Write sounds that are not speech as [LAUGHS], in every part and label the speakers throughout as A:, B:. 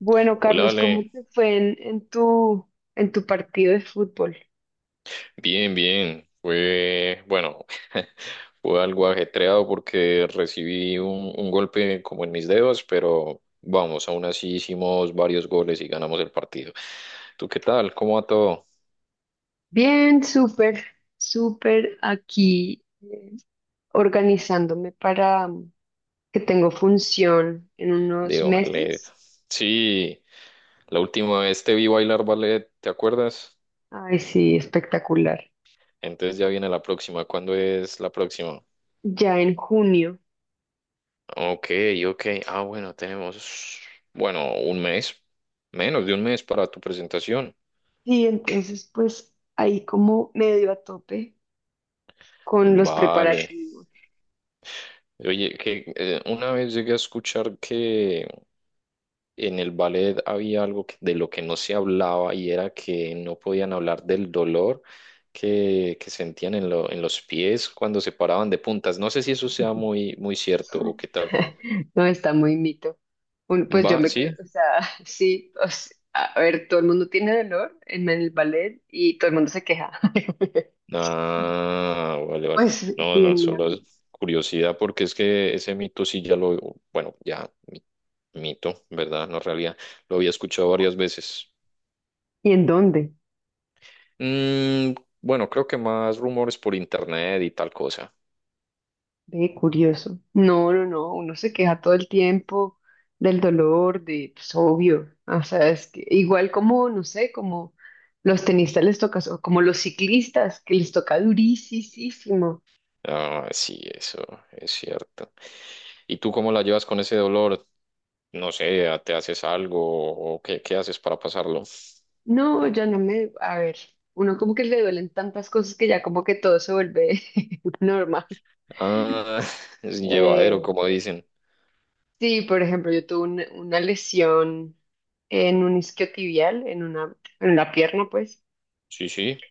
A: Bueno,
B: Hola,
A: Carlos, ¿cómo
B: Ale.
A: te fue en tu partido de fútbol?
B: Bien, bien. Fue, bueno, [LAUGHS] fue algo ajetreado porque recibí un golpe como en mis dedos, pero vamos, aún así hicimos varios goles y ganamos el partido. ¿Tú qué tal? ¿Cómo va todo?
A: Bien, súper aquí organizándome para que tengo función en unos
B: De ballet.
A: meses.
B: Sí, la última vez te vi bailar ballet, ¿te acuerdas?
A: Ay, sí, espectacular.
B: Entonces ya viene la próxima. ¿Cuándo es la próxima?
A: Ya en junio.
B: Ok, ok. Bueno, tenemos, bueno, un mes, menos de un mes para tu presentación.
A: Y entonces, pues ahí como medio a tope con los
B: Vale.
A: preparativos.
B: Oye, que una vez llegué a escuchar que en el ballet había de lo que no se hablaba y era que no podían hablar del dolor que sentían en, en los pies cuando se paraban de puntas. No sé si eso sea
A: [LAUGHS]
B: muy, muy cierto o qué
A: [LAUGHS]
B: tal.
A: No, está muy mito. Pues yo
B: ¿Va?
A: me quedo,
B: ¿Sí?
A: o sea, [LAUGHS] sí, o sea, a ver, todo el mundo tiene dolor en el ballet y todo el mundo se queja. [LAUGHS]
B: Ah, vale, vale.
A: Pues sí,
B: No, no,
A: en mi
B: solo es
A: ámbito.
B: curiosidad porque es que ese mito sí ya lo, bueno, mito, ¿verdad? No realidad. Lo había escuchado varias veces.
A: ¿Y en dónde?
B: Mm, bueno, creo que más rumores por internet y tal cosa.
A: Ve, curioso. No, no, no, uno se queja todo el tiempo del dolor, de, pues obvio. O sea, es que igual como, no sé, como los tenistas les toca, o como los ciclistas, que les toca durísimo.
B: Ah, sí, eso es cierto. ¿Y tú cómo la llevas con ese dolor? No sé, ¿te haces algo o qué, qué haces para pasarlo?
A: No, ya no me, a ver, uno como que le duelen tantas cosas que ya como que todo se vuelve [LAUGHS] normal.
B: Ah, [LAUGHS] es llevadero,
A: Eh,
B: como dicen.
A: sí, por ejemplo, yo tuve una lesión en un isquiotibial, en la pierna, pues,
B: Sí, sí.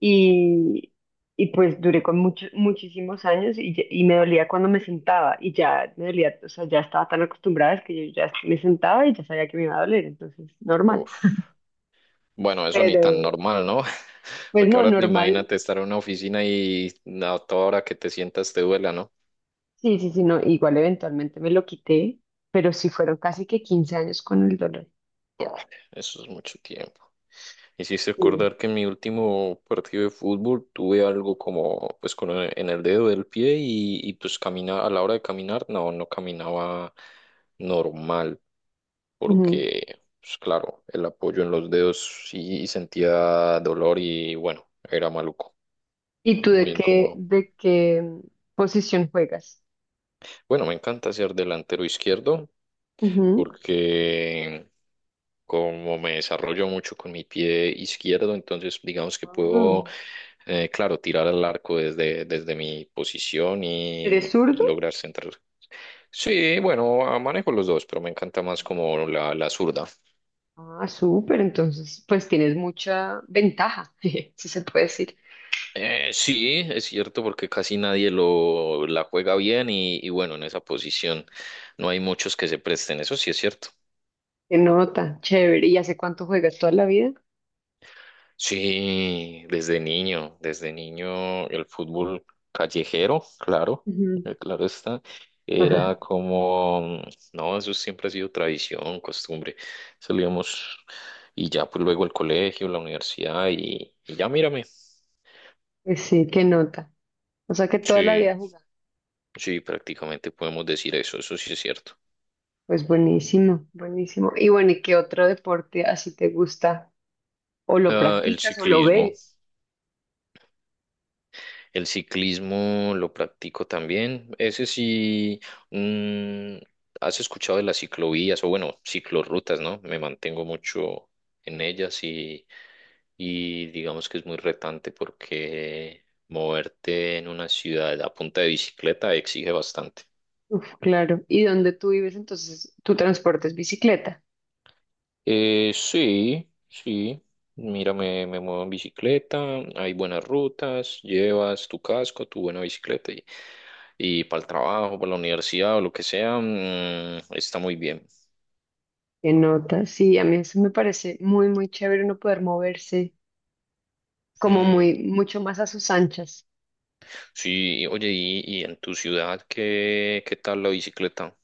A: y, y pues duré con muchos, muchísimos años y, y me dolía cuando me sentaba y ya me dolía, o sea, ya estaba tan acostumbrada es que yo ya me sentaba y ya sabía que me iba a doler, entonces, normal.
B: Uf. Bueno, eso ni tan
A: Pero,
B: normal, ¿no? [LAUGHS]
A: pues
B: Porque
A: no,
B: ahora
A: normal.
B: imagínate estar en una oficina y a toda hora que te sientas te duela, ¿no?
A: Sí, sí, sí, no, igual eventualmente me lo quité, pero sí fueron casi que 15 años con el dolor.
B: Vale, eso es mucho tiempo. Hiciste
A: Sí.
B: acordar que en mi último partido de fútbol tuve algo como, pues, con en el dedo del pie y pues camina, a la hora de caminar, no, no caminaba normal,
A: Ujú.
B: porque, pues claro, el apoyo en los dedos sí sentía dolor y bueno, era maluco,
A: ¿Y tú
B: muy
A: de qué,
B: incómodo.
A: de qué posición juegas?
B: Bueno, me encanta ser delantero izquierdo
A: Ujú.
B: porque como me desarrollo mucho con mi pie izquierdo, entonces digamos que
A: Ah,
B: puedo, claro, tirar al arco desde mi posición
A: ¿eres
B: y
A: zurdo?
B: lograr centrar. Sí, bueno, manejo los dos, pero me encanta más como la zurda.
A: Ah, súper, entonces pues tienes mucha ventaja, [LAUGHS] si se puede decir.
B: Sí, es cierto porque casi nadie lo la juega bien y bueno, en esa posición no hay muchos que se presten, eso sí es cierto.
A: Qué nota, chévere. ¿Y hace cuánto juegas? ¿Toda la vida?
B: Sí, desde niño el fútbol callejero, claro,
A: Ujú.
B: claro está, era
A: [LAUGHS]
B: como, no, eso siempre ha sido tradición, costumbre, salíamos y ya pues luego el colegio, la universidad y ya mírame.
A: Pues sí, qué nota. O sea que toda la vida
B: Sí,
A: jugás.
B: sí, prácticamente podemos decir eso, eso sí es cierto.
A: Pues buenísimo, buenísimo. Y bueno, ¿y qué otro deporte así te gusta? O lo
B: Ah, el
A: practicas o lo
B: ciclismo.
A: ves.
B: El ciclismo lo practico también. Ese sí, mm, ¿has escuchado de las ciclovías o bueno, ciclorrutas, ¿no? Me mantengo mucho en ellas y digamos que es muy retante porque moverte en una ciudad a punta de bicicleta exige bastante.
A: Uf, claro. ¿Y donde tú vives entonces tu transporte es bicicleta?
B: Sí, sí. Mira, me muevo en bicicleta, hay buenas rutas, llevas tu casco, tu buena bicicleta y para el trabajo, para la universidad o lo que sea, está muy bien.
A: ¿Qué nota? Sí, a mí eso me parece muy, muy chévere uno poder moverse como
B: Mm,
A: muy, mucho más a sus anchas.
B: sí, oye, y en tu ciudad qué, ¿qué tal la bicicleta?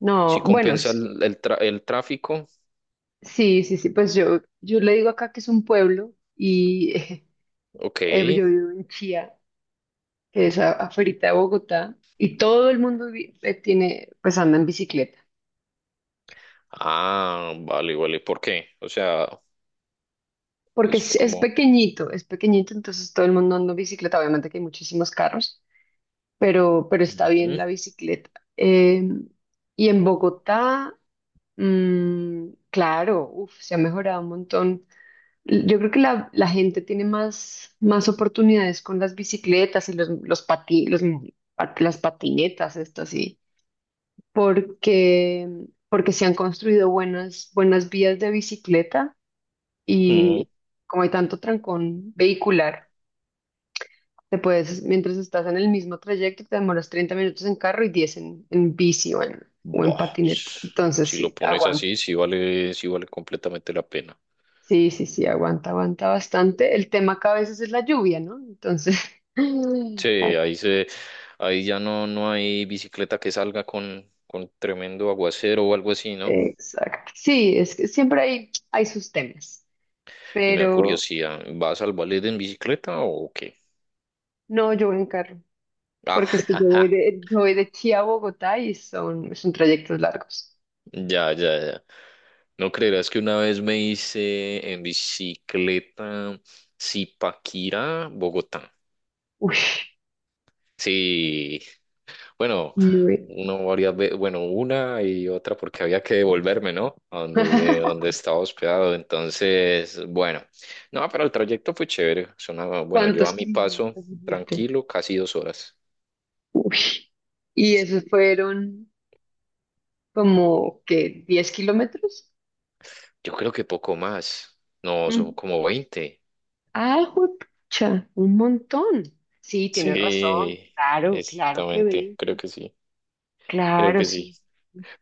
A: No,
B: ¿Sí
A: bueno,
B: compensa el, el tráfico?
A: sí, sí, sí, pues yo le digo acá que es un pueblo y [LAUGHS]
B: Ok.
A: yo vivo en Chía, que es afuera de Bogotá, y todo el mundo pues anda en bicicleta.
B: Ah, vale, vale. ¿Por qué? O sea,
A: Porque
B: es
A: es
B: como...
A: pequeñito, es pequeñito, entonces todo el mundo anda en bicicleta. Obviamente que hay muchísimos carros, pero está bien
B: Mm,
A: la bicicleta. Eh, y en Bogotá, claro, uf, se ha mejorado un montón. Yo creo que la gente tiene más oportunidades con las bicicletas y los, pati- los pat- las patinetas, esto sí, porque, porque se han construido buenas, buenas vías de bicicleta
B: mm.
A: y como hay tanto trancón vehicular. Te puedes, mientras estás en el mismo trayecto, te demoras 30 minutos en carro y 10 en bici o en
B: Buah,
A: patineta. Entonces,
B: si lo
A: sí,
B: pones
A: aguanta.
B: así, sí vale, sí vale completamente la pena.
A: Sí, sí, sí, aguanta, aguanta bastante. El tema acá a veces es la lluvia, ¿no? Entonces,
B: Sí,
A: [LAUGHS] ah,
B: ahí ya no, no hay bicicleta que salga con tremendo aguacero o algo así, ¿no?
A: exacto. Sí, es que siempre hay sus temas,
B: Y me da
A: pero
B: curiosidad, ¿vas al ballet en bicicleta o qué?
A: no, yo voy en carro,
B: Ah,
A: porque es que yo voy
B: [LAUGHS]
A: de, yo voy de Chía a Bogotá y son trayectos largos.
B: ya, ya, ya. No creerás que una vez me hice en bicicleta Zipaquirá, Bogotá.
A: Uy,
B: Sí, bueno,
A: bien.
B: uno varias veces, bueno, una y otra porque había que devolverme, ¿no? A donde,
A: [LAUGHS]
B: donde estaba hospedado. Entonces, bueno, no, pero el trayecto fue chévere. Sonaba, bueno, yo
A: ¿Cuántos
B: a mi paso,
A: kilómetros hiciste?
B: tranquilo, casi 2 horas.
A: Uy. Y esos fueron como que 10 kilómetros.
B: Yo creo que poco más. No, son
A: Mm.
B: como 20.
A: Ah, juepucha, un montón. Sí, tienes razón.
B: Sí,
A: Claro, claro que
B: exactamente, creo
A: 20.
B: que sí, creo
A: Claro,
B: que sí.
A: sí.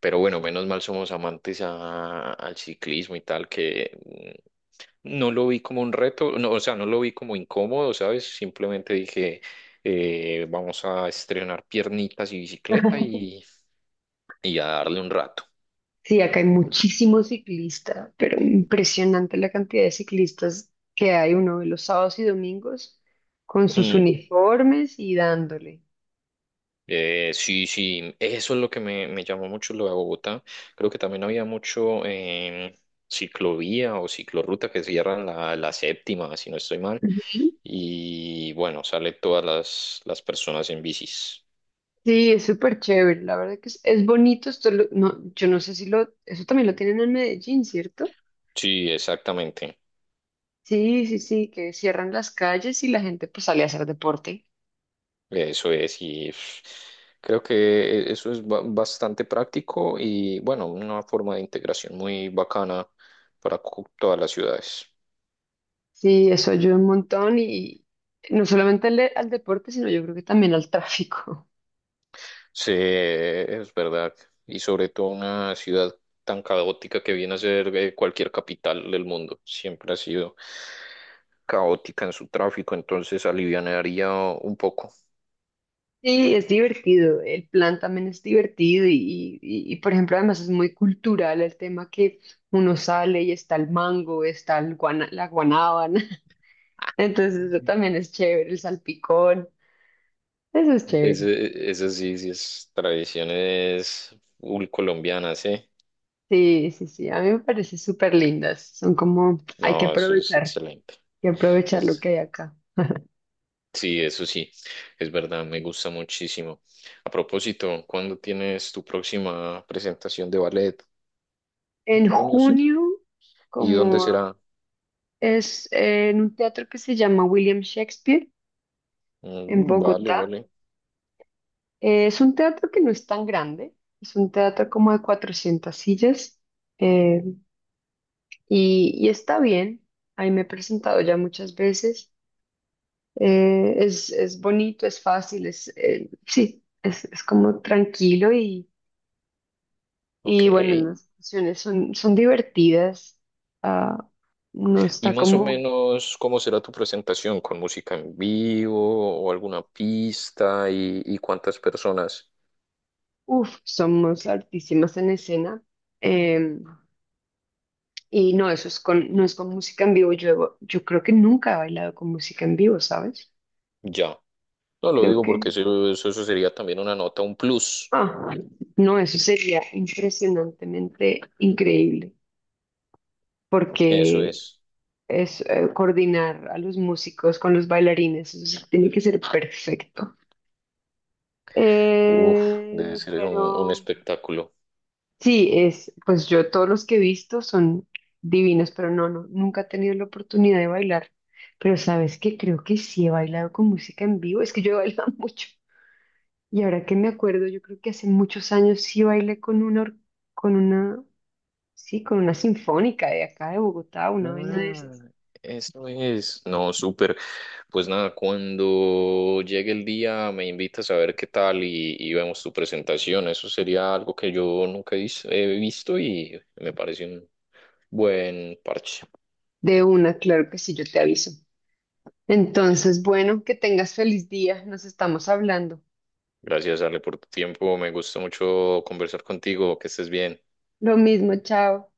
B: Pero bueno, menos mal somos amantes al ciclismo y tal, que no lo vi como un reto, no, o sea, no lo vi como incómodo, ¿sabes? Simplemente dije, vamos a estrenar piernitas y bicicleta
A: [LAUGHS]
B: y a darle un rato.
A: Sí, acá hay muchísimos ciclistas, pero impresionante la cantidad de ciclistas que hay uno de los sábados y domingos con sus
B: Mm,
A: uniformes y dándole.
B: sí, sí, eso es lo que me llamó mucho lo de Bogotá. Creo que también había mucho ciclovía o ciclorruta que cierran la, la séptima, si no estoy mal.
A: Ujú.
B: Y bueno, sale todas las personas en bicis.
A: Sí, es súper chévere, la verdad que es bonito esto, no, yo no sé si lo, eso también lo tienen en Medellín, ¿cierto?
B: Sí, exactamente.
A: Sí, sí, sí, que cierran las calles y la gente pues sale a hacer deporte.
B: Eso es, y pff, creo que eso es bastante práctico y bueno, una forma de integración muy bacana para todas las ciudades.
A: Sí, eso ayuda un montón y no solamente al deporte, sino yo creo que también al tráfico. [LAUGHS]
B: Sí, es verdad, y sobre todo una ciudad tan caótica que viene a ser cualquier capital del mundo, siempre ha sido caótica en su tráfico, entonces alivianaría un poco.
A: Sí, es divertido, el plan también es divertido y, por ejemplo además es muy cultural el tema que uno sale y está el mango, está la guanábana, [LAUGHS] entonces eso también
B: [LAUGHS]
A: es chévere, el salpicón, eso es chévere.
B: Ese, eso sí, sí es tradiciones colombianas, ¿eh?
A: Sí, sí, sí, a mí me parece súper lindas, son como hay que
B: No, eso es
A: aprovechar,
B: excelente.
A: y aprovechar lo
B: Es,
A: que hay acá.
B: sí, eso sí, es verdad, me gusta muchísimo. A propósito, ¿cuándo tienes tu próxima presentación de ballet? En
A: En
B: junio, ¿cierto?
A: junio,
B: ¿Y dónde
A: como
B: será?
A: es en un teatro que se llama William Shakespeare, en
B: Mm, vale,
A: Bogotá,
B: vale.
A: es un teatro que no es tan grande, es un teatro como de 400 sillas, eh, y está bien, ahí me he presentado ya muchas veces, es bonito, es fácil, sí, es como tranquilo
B: Ok.
A: y bueno, las canciones son divertidas. Ah, no
B: ¿Y
A: está
B: más o
A: como.
B: menos cómo será tu presentación? ¿Con música en vivo o alguna pista? Y cuántas personas?
A: Uf, somos altísimas en escena. eh, y no, no es con música en vivo. Yo creo que nunca he bailado con música en vivo, ¿sabes?
B: Ya. No lo
A: Creo
B: digo porque
A: que.
B: eso sería también una nota, un plus.
A: Ah, no, eso sería impresionantemente increíble,
B: Eso
A: porque
B: es.
A: es coordinar a los músicos con los bailarines, eso sí tiene que ser perfecto.
B: Uf, debe ser un
A: Pero.
B: espectáculo.
A: Sí, pues yo todos los que he visto son divinos, pero no, no, nunca he tenido la oportunidad de bailar. Pero sabes que creo que sí he bailado con música en vivo, es que yo he bailado [LAUGHS] mucho. Y ahora que me acuerdo, yo creo que hace muchos años sí bailé con una, or- con una, sí, con una sinfónica de acá de Bogotá, una vaina de
B: Ah,
A: esas.
B: eso es. No, súper. Pues nada, cuando llegue el día me invitas a ver qué tal y vemos tu presentación. Eso sería algo que yo nunca he he visto y me parece un buen parche.
A: De una, claro que sí, yo te aviso. Entonces, bueno, que tengas feliz día, nos estamos hablando.
B: Gracias, Ale, por tu tiempo. Me gustó mucho conversar contigo. Que estés bien.
A: Lo mismo, chao.